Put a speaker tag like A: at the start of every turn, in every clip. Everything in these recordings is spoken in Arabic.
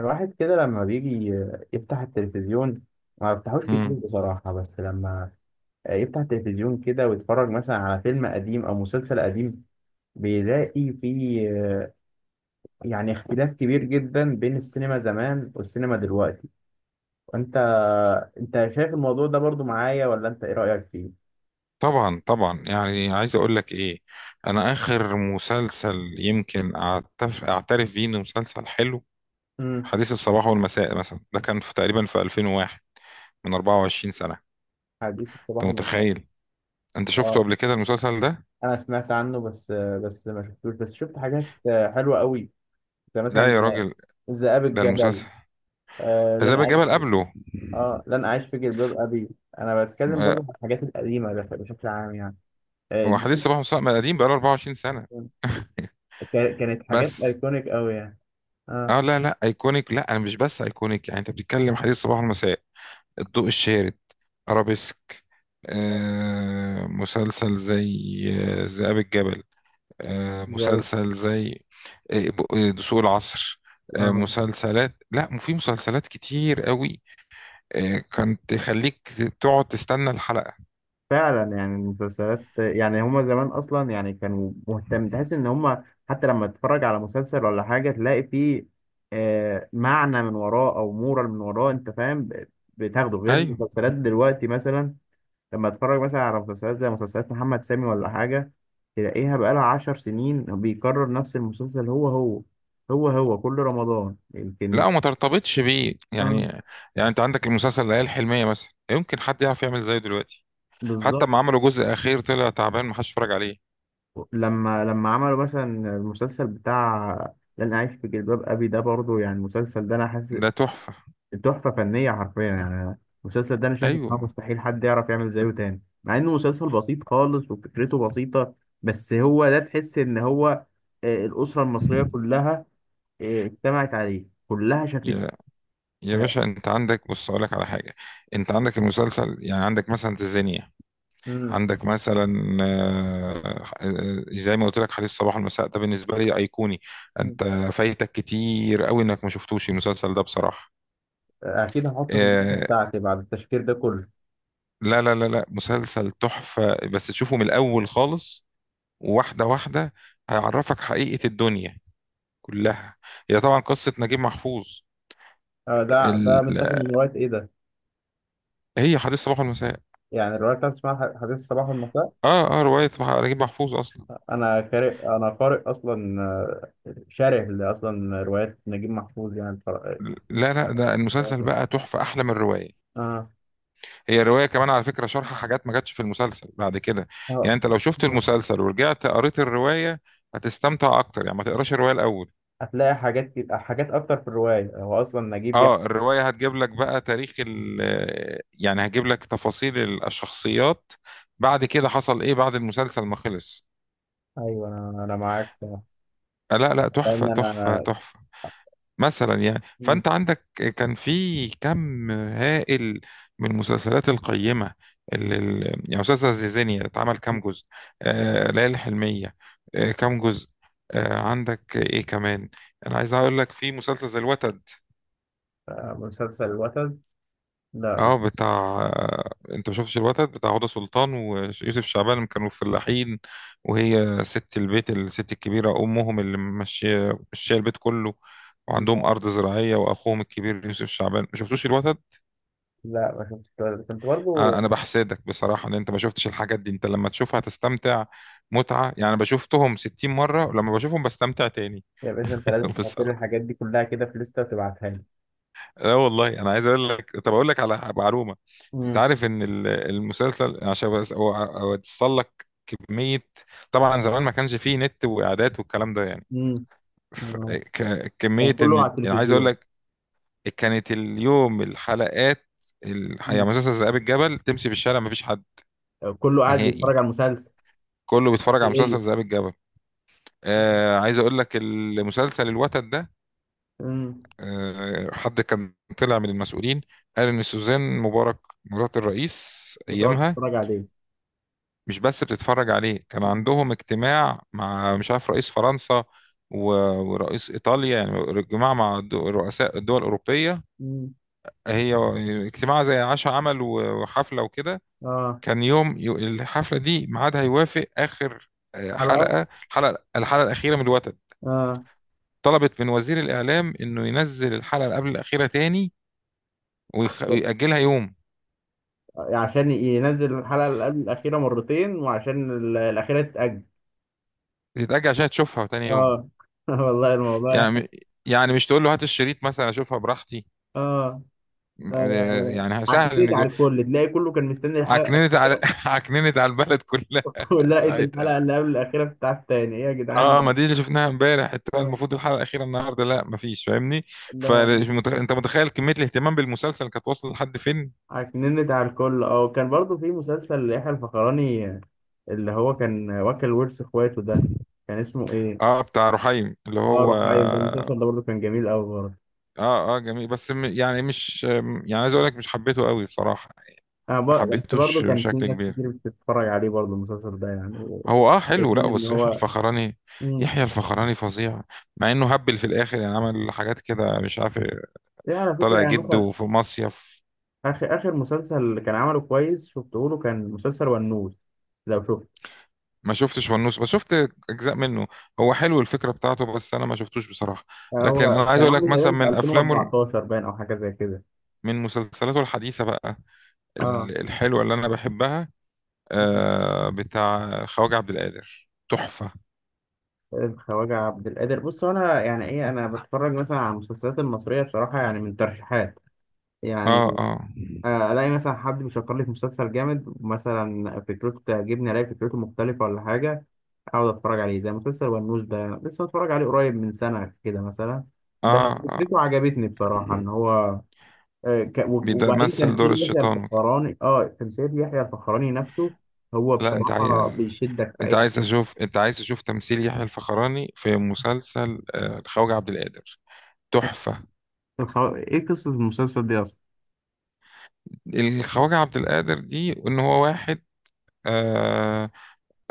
A: الواحد كده لما بيجي يفتح التلفزيون، ما بفتحوش كتير
B: مم.
A: بصراحة. بس لما يفتح التلفزيون كده ويتفرج مثلا على فيلم قديم أو مسلسل قديم، بيلاقي فيه يعني اختلاف كبير جدا بين السينما زمان والسينما دلوقتي. وانت شايف الموضوع ده برضو معايا ولا انت ايه رأيك فيه؟
B: طبعا طبعا يعني عايز اقول لك ايه. انا اخر مسلسل يمكن اعترف بيه انه مسلسل حلو،
A: امم
B: حديث الصباح والمساء مثلا، ده كان في تقريبا في 2001، من 24 سنة.
A: حديث
B: انت
A: الصباح والمساء.
B: متخيل؟ انت شفته
A: اه،
B: قبل كده المسلسل ده؟
A: انا سمعت عنه، بس ما شفتوش. بس شفت حاجات حلوة قوي، زي
B: لا
A: مثلا
B: يا راجل،
A: ذئاب
B: ده
A: الجبل.
B: المسلسل
A: آه،
B: عذاب
A: لن أعيش
B: الجبل
A: في
B: قبله.
A: اه لن اعيش في جلباب ابي. انا بتكلم
B: م-
A: برضه عن الحاجات القديمه بشكل عام يعني. دي
B: وحديث الصباح والمساء ما قديم، بقاله 24 سنة.
A: كانت، كانت حاجات
B: بس
A: ايكونيك قوي يعني. اه،
B: اه، لا لا ايكونيك، لا انا مش بس ايكونيك. يعني انت بتتكلم حديث الصباح والمساء، الضوء الشارد، أرابيسك، مسلسل زي ذئاب الجبل،
A: جامد.
B: مسلسل زي دسوق العصر،
A: اه،
B: مسلسلات، لا في مسلسلات كتير قوي، كانت تخليك تقعد تستنى الحلقة.
A: فعلا يعني المسلسلات، يعني هما زمان اصلا يعني كانوا مهتم، تحس ان هما حتى لما تتفرج على مسلسل ولا حاجه تلاقي فيه معنى من وراه او مورال من وراه، انت فاهم، بتاخده غير
B: ايوه،
A: المسلسلات دلوقتي. مثلا لما اتفرج مثلا على مسلسلات زي مسلسلات محمد سامي ولا حاجة، تلاقيها بقالها 10 سنين بيكرر نفس المسلسل هو هو، هو هو كل رمضان
B: لا
A: يمكن.
B: وما ترتبطش بيه يعني.
A: اه،
B: يعني انت عندك المسلسل العيال الحلمية مثلا، يمكن حد يعرف يعمل زيه دلوقتي؟ حتى
A: بالظبط.
B: ما عملوا جزء اخير طلع تعبان، محدش اتفرج عليه.
A: لما عملوا مثلا المسلسل بتاع لن أعيش في جلباب أبي، ده برضه يعني المسلسل ده أنا حاسس
B: ده تحفة.
A: تحفة فنية حرفيا يعني. المسلسل ده أنا شايف إن هو
B: ايوه،
A: مستحيل حد يعرف يعمل زيه تاني، مع إنه مسلسل بسيط خالص وفكرته بسيطة. بس هو ده، تحس إن هو الأسرة المصرية كلها اجتمعت عليه كلها شافته.
B: يا
A: آه.
B: باشا انت عندك، بص اقول لك على حاجه. انت عندك المسلسل، يعني عندك مثلا تنزانيا،
A: مم.
B: عندك مثلا زي ما قلت لك حديث الصباح والمساء ده بالنسبه لي ايقوني.
A: مم.
B: انت فايتك كتير قوي انك ما شفتوش المسلسل ده بصراحه.
A: اكيد هحطه في الليسته
B: آه،
A: بتاعتي بعد التشكيل ده كله.
B: لا لا لا لا، مسلسل تحفه، بس تشوفه من الاول خالص، واحده واحده. هيعرفك حقيقه الدنيا كلها. هي طبعا قصه نجيب محفوظ.
A: آه، ده
B: ال...
A: متاخد من روايه ايه ده؟
B: هي حديث الصباح والمساء.
A: يعني الروايه بتاعتي اسمها حديث الصباح والمساء.
B: اه اه، روايه نجيب محفوظ اصلا.
A: انا قارئ اصلا، آه، شارح لاصلا روايات نجيب محفوظ يعني
B: لا لا، ده المسلسل بقى تحفة، أحلى من الرواية.
A: اه،
B: هي الرواية كمان على فكرة شرح حاجات ما جاتش في المسلسل بعد كده.
A: اه.
B: يعني أنت لو شفت
A: آه.
B: المسلسل ورجعت قريت الرواية هتستمتع أكتر، يعني ما تقراش الرواية الأول.
A: هتلاقي حاجات حاجات اكتر في الروايه، هو اصلا نجيب يعني.
B: اه الرواية هتجيب لك بقى تاريخ ال، يعني هتجيب لك تفاصيل الشخصيات، بعد كده حصل ايه بعد المسلسل ما خلص.
A: ايوه، انا معاك،
B: لا لا، تحفة
A: لان
B: تحفة
A: انا.
B: تحفة، مثلا يعني.
A: مم.
B: فانت عندك كان في كم هائل من المسلسلات القيمه، يعني مسلسل زيزينيا اتعمل كام جزء، آه ليالي الحلميه، آه كام جزء، آه عندك ايه كمان. انا عايز اقول لك في مسلسل زي الوتد.
A: آه، مسلسل الوتد؟ لا.
B: اه بتاع، آه انت ما شفتش الوتد بتاع هدى سلطان ويوسف شعبان لما كانوا فلاحين، وهي ست البيت، الست الكبيره امهم، اللي ماشيه ماشيه البيت كله، وعندهم ارض زراعيه، واخوهم الكبير يوسف شعبان. ما شفتوش الوتد؟
A: لا، ما شفتش الولد ده. كنت
B: انا
A: برضو.
B: أنا بحسدك بصراحه ان انت ما شفتش الحاجات دي. انت لما تشوفها تستمتع متعه يعني. انا بشوفتهم 60 مره، ولما بشوفهم بستمتع تاني.
A: يا باشا، انت لازم تحط لي
B: بصراحه
A: الحاجات دي كلها كده في لستة وتبعتها لي.
B: لا والله. انا عايز اقول لك، طب اقول لك على معلومه. انت
A: امم.
B: عارف ان المسلسل، عشان بس اوصل لك كميه، طبعا زمان ما كانش فيه نت واعداد والكلام ده يعني،
A: امم. آه.
B: كميه،
A: كان كله على
B: ان أنا عايز اقول
A: التلفزيون.
B: لك كانت اليوم الحلقات يعني
A: امم.
B: مسلسل ذئاب الجبل تمشي في الشارع ما فيش حد
A: كله قاعد
B: نهائي،
A: بيتفرج على المسلسل.
B: كله بيتفرج على مسلسل
A: ليه.
B: ذئاب الجبل. آه عايز اقول لك، المسلسل الوتد ده،
A: امم.
B: آه حد كان طلع من المسؤولين قال ان سوزان مبارك، مرات الرئيس
A: بتقعد
B: ايامها،
A: تتفرج عليه.
B: مش بس بتتفرج عليه، كان عندهم اجتماع مع مش عارف رئيس فرنسا و- ورئيس ايطاليا، يعني اجتماع مع رؤساء الدول الاوروبيه،
A: امم.
B: هي اجتماع زي عشاء عمل وحفله وكده.
A: اه.
B: كان يوم الحفله دي ميعادها يوافق اخر
A: حلقة.
B: حلقه، الحلقه الاخيره من الوتد.
A: اه،
B: طلبت من وزير الإعلام إنه ينزل الحلقة اللي قبل الأخيرة تاني، ويخ... ويأجلها يوم،
A: عشان ينزل الحلقة اللي قبل الأخيرة مرتين، وعشان ال- الأخيرة تتأجل.
B: تتأجل عشان تشوفها تاني يوم.
A: اه. والله الموضوع.
B: يعني يعني مش تقول له هات الشريط مثلا أشوفها براحتي.
A: اه. لا،
B: م-
A: لا،
B: يعني سهل
A: عكيت
B: إنه يجي-،
A: على الكل، تلاقي كله كان مستني الحلقة.
B: عكننت على عكننت على البلد كلها.
A: ولقيت
B: ساعتها
A: الحلقة اللي قبل الأخيرة بتاعت تاني إيه يا
B: اه،
A: جدعان؟
B: ما دي اللي شفناها امبارح،
A: آه.
B: المفروض الحلقة الأخيرة النهاردة، لا مفيش، فاهمني؟
A: لا،
B: فأنت متخيل كمية الاهتمام بالمسلسل كانت واصلة لحد فين؟
A: عكننت على الكل. أه، وكان برضو في مسلسل يحيى الفخراني، آه، اللي هو كان واكل ورث إخواته ده، كان اسمه إيه؟
B: اه بتاع رحيم اللي
A: أه،
B: هو،
A: روحايم. ده المسلسل ده برضو كان جميل أوي برضه.
B: اه اه جميل بس يعني مش، يعني عايز اقول لك مش حبيته قوي بصراحه،
A: أنا
B: ما
A: بس برضو
B: حبيتوش
A: كان في
B: بشكل
A: ناس
B: كبير.
A: كتير بتتفرج عليه برضو المسلسل ده يعني
B: هو اه حلو،
A: شايفين
B: لا
A: إن
B: بس يحيى
A: هو.
B: الفخراني،
A: مم.
B: يحيى الفخراني فظيع، مع انه هبل في الاخر يعني، عمل حاجات كده مش عارف إيه،
A: يعني على
B: طالع
A: فكرة يعني مثلا
B: جده في مصيف.
A: آخر آخر مسلسل كان عمله كويس، شفته له، كان مسلسل ونوس. لو شفته.
B: ما شفتش ونوس بس شفت اجزاء منه. هو حلو الفكره بتاعته بس انا ما شفتوش بصراحه. لكن
A: هو
B: انا عايز
A: كان
B: اقول لك
A: عامل
B: مثلا
A: تقريبا في
B: من
A: 2014 باين، او حاجه زي كده.
B: من مسلسلاته الحديثه بقى،
A: اه.
B: الحلوه اللي انا بحبها،
A: مم.
B: بتاع خواجه عبد القادر، تحفه.
A: الخواجة عبد القادر. بص، هو انا يعني ايه، انا بتفرج مثلا على المسلسلات المصريه بصراحه يعني من ترشيحات
B: اه
A: يعني.
B: اه
A: الاقي مثلا حد بيشكر لي في مسلسل جامد مثلا، فكرته تعجبني، الاقي فكرته مختلفه ولا حاجه، اقعد اتفرج عليه. زي مسلسل ونوس ده لسه متفرج عليه قريب من سنه كده مثلا. بس
B: اه اه،
A: فكرته عجبتني بصراحه، ان هو آه، وبعدين
B: بيمثل دور
A: تمثيل يحيى
B: الشيطان وكده.
A: الفخراني. اه، تمثيل يحيى الفخراني نفسه هو
B: لا انت
A: بصراحة
B: عايز،
A: بيشدك في
B: انت
A: أي
B: عايز
A: حاجة.
B: اشوف، انت عايز تشوف تمثيل يحيى الفخراني في مسلسل الخواجة عبد القادر، تحفة.
A: إيه قصة المسلسل دي أصلا؟
B: الخواجة عبد القادر دي ان هو واحد آه،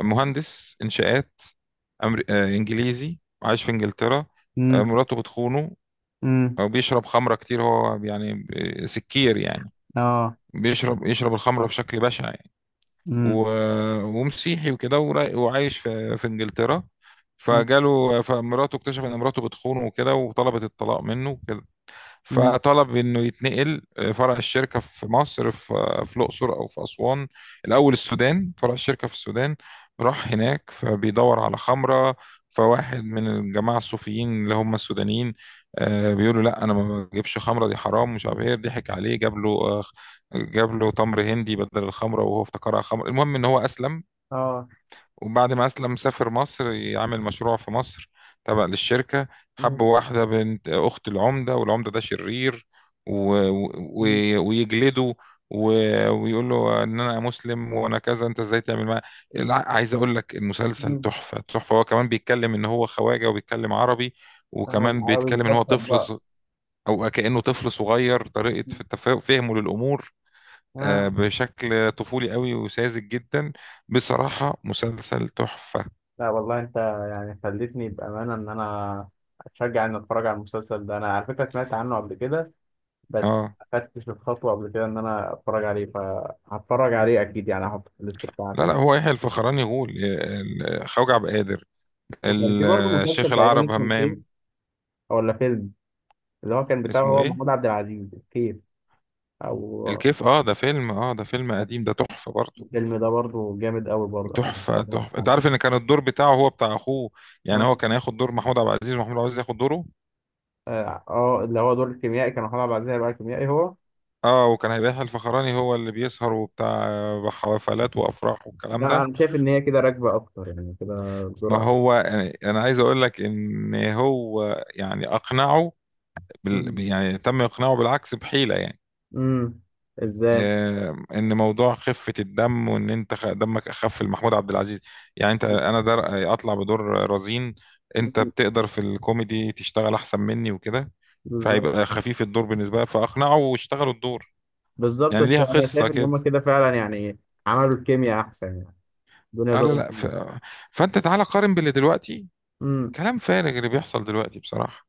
B: مهندس انشاءات، أمر... آه، انجليزي عايش في انجلترا،
A: امم.
B: مراته بتخونه،
A: امم.
B: او بيشرب خمرة كتير هو يعني، سكير يعني،
A: اه.
B: بيشرب يشرب الخمرة بشكل بشع يعني. و...
A: امم.
B: ومسيحي وكده وعايش في في انجلترا،
A: امم.
B: فجاله فمراته، اكتشف ان مراته بتخونه وكده وطلبت الطلاق منه،
A: أمم.
B: فطلب انه يتنقل فرع الشركه في مصر في في الاقصر او في اسوان، الاول السودان، فرع الشركه في السودان. راح هناك فبيدور على خمره، فواحد من الجماعه الصوفيين اللي هم السودانيين بيقولوا لا انا ما بجيبش خمره دي حرام مش عارف ايه، ضحك عليه جاب له جاب له تمر هندي بدل الخمره وهو افتكرها خمره. المهم ان هو اسلم،
A: اه.
B: وبعد ما أسلم سافر مصر يعمل مشروع في مصر تبع للشركة،
A: امم.
B: حب واحدة بنت أخت العمدة، والعمدة ده شرير، و... و...
A: أمم.
B: ويجلده و... ويقول له إن أنا مسلم وأنا كذا، أنت إزاي تعمل معايا. عايز أقول لك المسلسل
A: أمم.
B: تحفة تحفة. هو كمان بيتكلم إن هو خواجة وبيتكلم عربي،
A: اه،
B: وكمان
A: العربي
B: بيتكلم إن هو
A: مكسر
B: طفل
A: بقى.
B: أو كأنه طفل صغير، طريقة في فهمه للأمور
A: اه.
B: بشكل طفولي قوي وساذج جدا. بصراحة مسلسل تحفة.
A: لا والله، أنت يعني خلتني بأمانة إن أنا أتشجع إني أتفرج على المسلسل ده. أنا على فكرة سمعت عنه قبل كده، بس
B: اه
A: ما خدتش الخطوة قبل كده إن أنا أتفرج عليه. فهتفرج عليه أكيد يعني، هحطه في الليست
B: لا
A: بتاعتي.
B: لا هو يحيى الفخراني يقول خوجة عبد القادر،
A: وكان في برضه
B: الشيخ
A: مسلسل تقريبا
B: العرب
A: اسمه الكيف،
B: همام.
A: ولا فيلم، اللي هو كان بتاعه
B: اسمه
A: هو
B: ايه
A: محمود عبد العزيز، الكيف. او
B: الكيف؟ اه ده فيلم، اه ده فيلم قديم، ده تحفة برضه.
A: الفيلم ده برضه جامد قوي برضه، انا
B: تحفة
A: اتفرجت
B: تحفة. انت
A: عليه.
B: عارف ان كان الدور بتاعه هو بتاع اخوه، يعني
A: اه.
B: هو كان هياخد دور محمود عبد العزيز ومحمود عبد العزيز ياخد دوره.
A: اه. آه، اللي هو دور الكيميائي كان محمود عبد العزيز هيبقى كيميائي هو.
B: اه وكان هيبقى يحيى الفخراني هو اللي بيسهر وبتاع حفلات وافراح والكلام
A: لا،
B: ده.
A: انا شايف ان هي كده راكبه اكتر يعني كده،
B: ما
A: بسرعه.
B: هو أنا عايز اقول لك ان هو يعني اقنعه
A: امم.
B: يعني تم اقناعه بالعكس بحيلة يعني.
A: أمم. ازاي؟
B: ان موضوع خفه الدم، وان انت دمك اخف لمحمود عبد العزيز، يعني انت انا در اطلع بدور رزين، انت
A: أمم.
B: بتقدر في الكوميدي تشتغل احسن مني وكده،
A: بالظبط.
B: فهيبقى خفيف الدور بالنسبه لك. فاقنعه واشتغلوا الدور.
A: بالظبط،
B: يعني
A: بس
B: ليها
A: انا
B: قصه
A: شايف ان
B: كده.
A: هم كده فعلا يعني عملوا الكيمياء احسن يعني، الدنيا
B: آه لا
A: ظبطت.
B: لا ف... فانت تعالى قارن باللي دلوقتي، كلام فارغ اللي بيحصل دلوقتي بصراحه،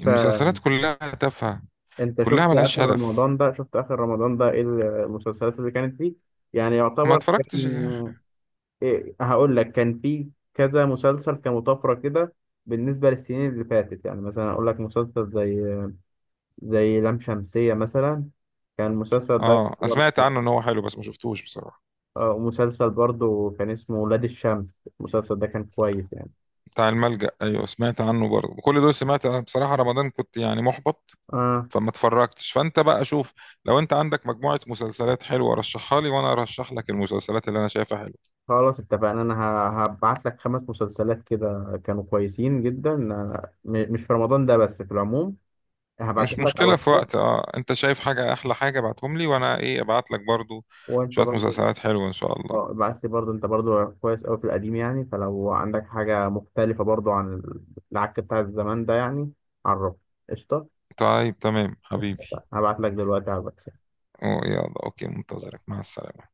B: المسلسلات كلها تافهه،
A: انت
B: كلها
A: شفت
B: ملهاش
A: اخر
B: هدف.
A: رمضان ده؟ شفت اخر رمضان ده ايه المسلسلات اللي كانت فيه؟ يعني
B: ما
A: يعتبر
B: اتفرجتش غير-،
A: كان، إيه هقول لك، كان فيه كذا مسلسل كمطافرة كده بالنسبة للسنين اللي فاتت. يعني مثلا اقول لك مسلسل زي، زي لام شمسية مثلا. كان المسلسل ده
B: اه أنا سمعت
A: برضه.
B: عنه ان هو حلو بس ما شفتوش بصراحه.
A: اه. مسلسل برضه كان اسمه ولاد الشمس. المسلسل ده كان كويس يعني.
B: بتاع الملجأ ايوه سمعت عنه برضه، كل دول سمعت، أنا بصراحة رمضان كنت يعني محبط
A: اه.
B: فما اتفرجتش. فانت بقى شوف، لو انت عندك مجموعة مسلسلات حلوة رشحها لي، وانا ارشح لك المسلسلات اللي انا شايفها حلوة،
A: خلاص، اتفقنا. انا هبعت لك 5 مسلسلات كده كانوا كويسين جدا، آه، مش في رمضان ده بس، في العموم.
B: مش
A: هبعتهم لك على
B: مشكلة في
A: الواتساب.
B: وقت. اه انت شايف حاجة احلى حاجة ابعتهم لي، وانا ايه ابعت لك برضه
A: وانت
B: شوية
A: برضو.
B: مسلسلات حلوة ان شاء الله.
A: اه، ابعت لي برضو. انت برضو كويس قوي في القديم يعني، فلو عندك حاجة مختلفة برضو عن العك بتاع الزمان ده يعني، عرفني. قشطة.
B: طيب تمام حبيبي،
A: هبعت لك دلوقتي على الواتساب.
B: أوه يلا اوكي، منتظرك، مع السلامة.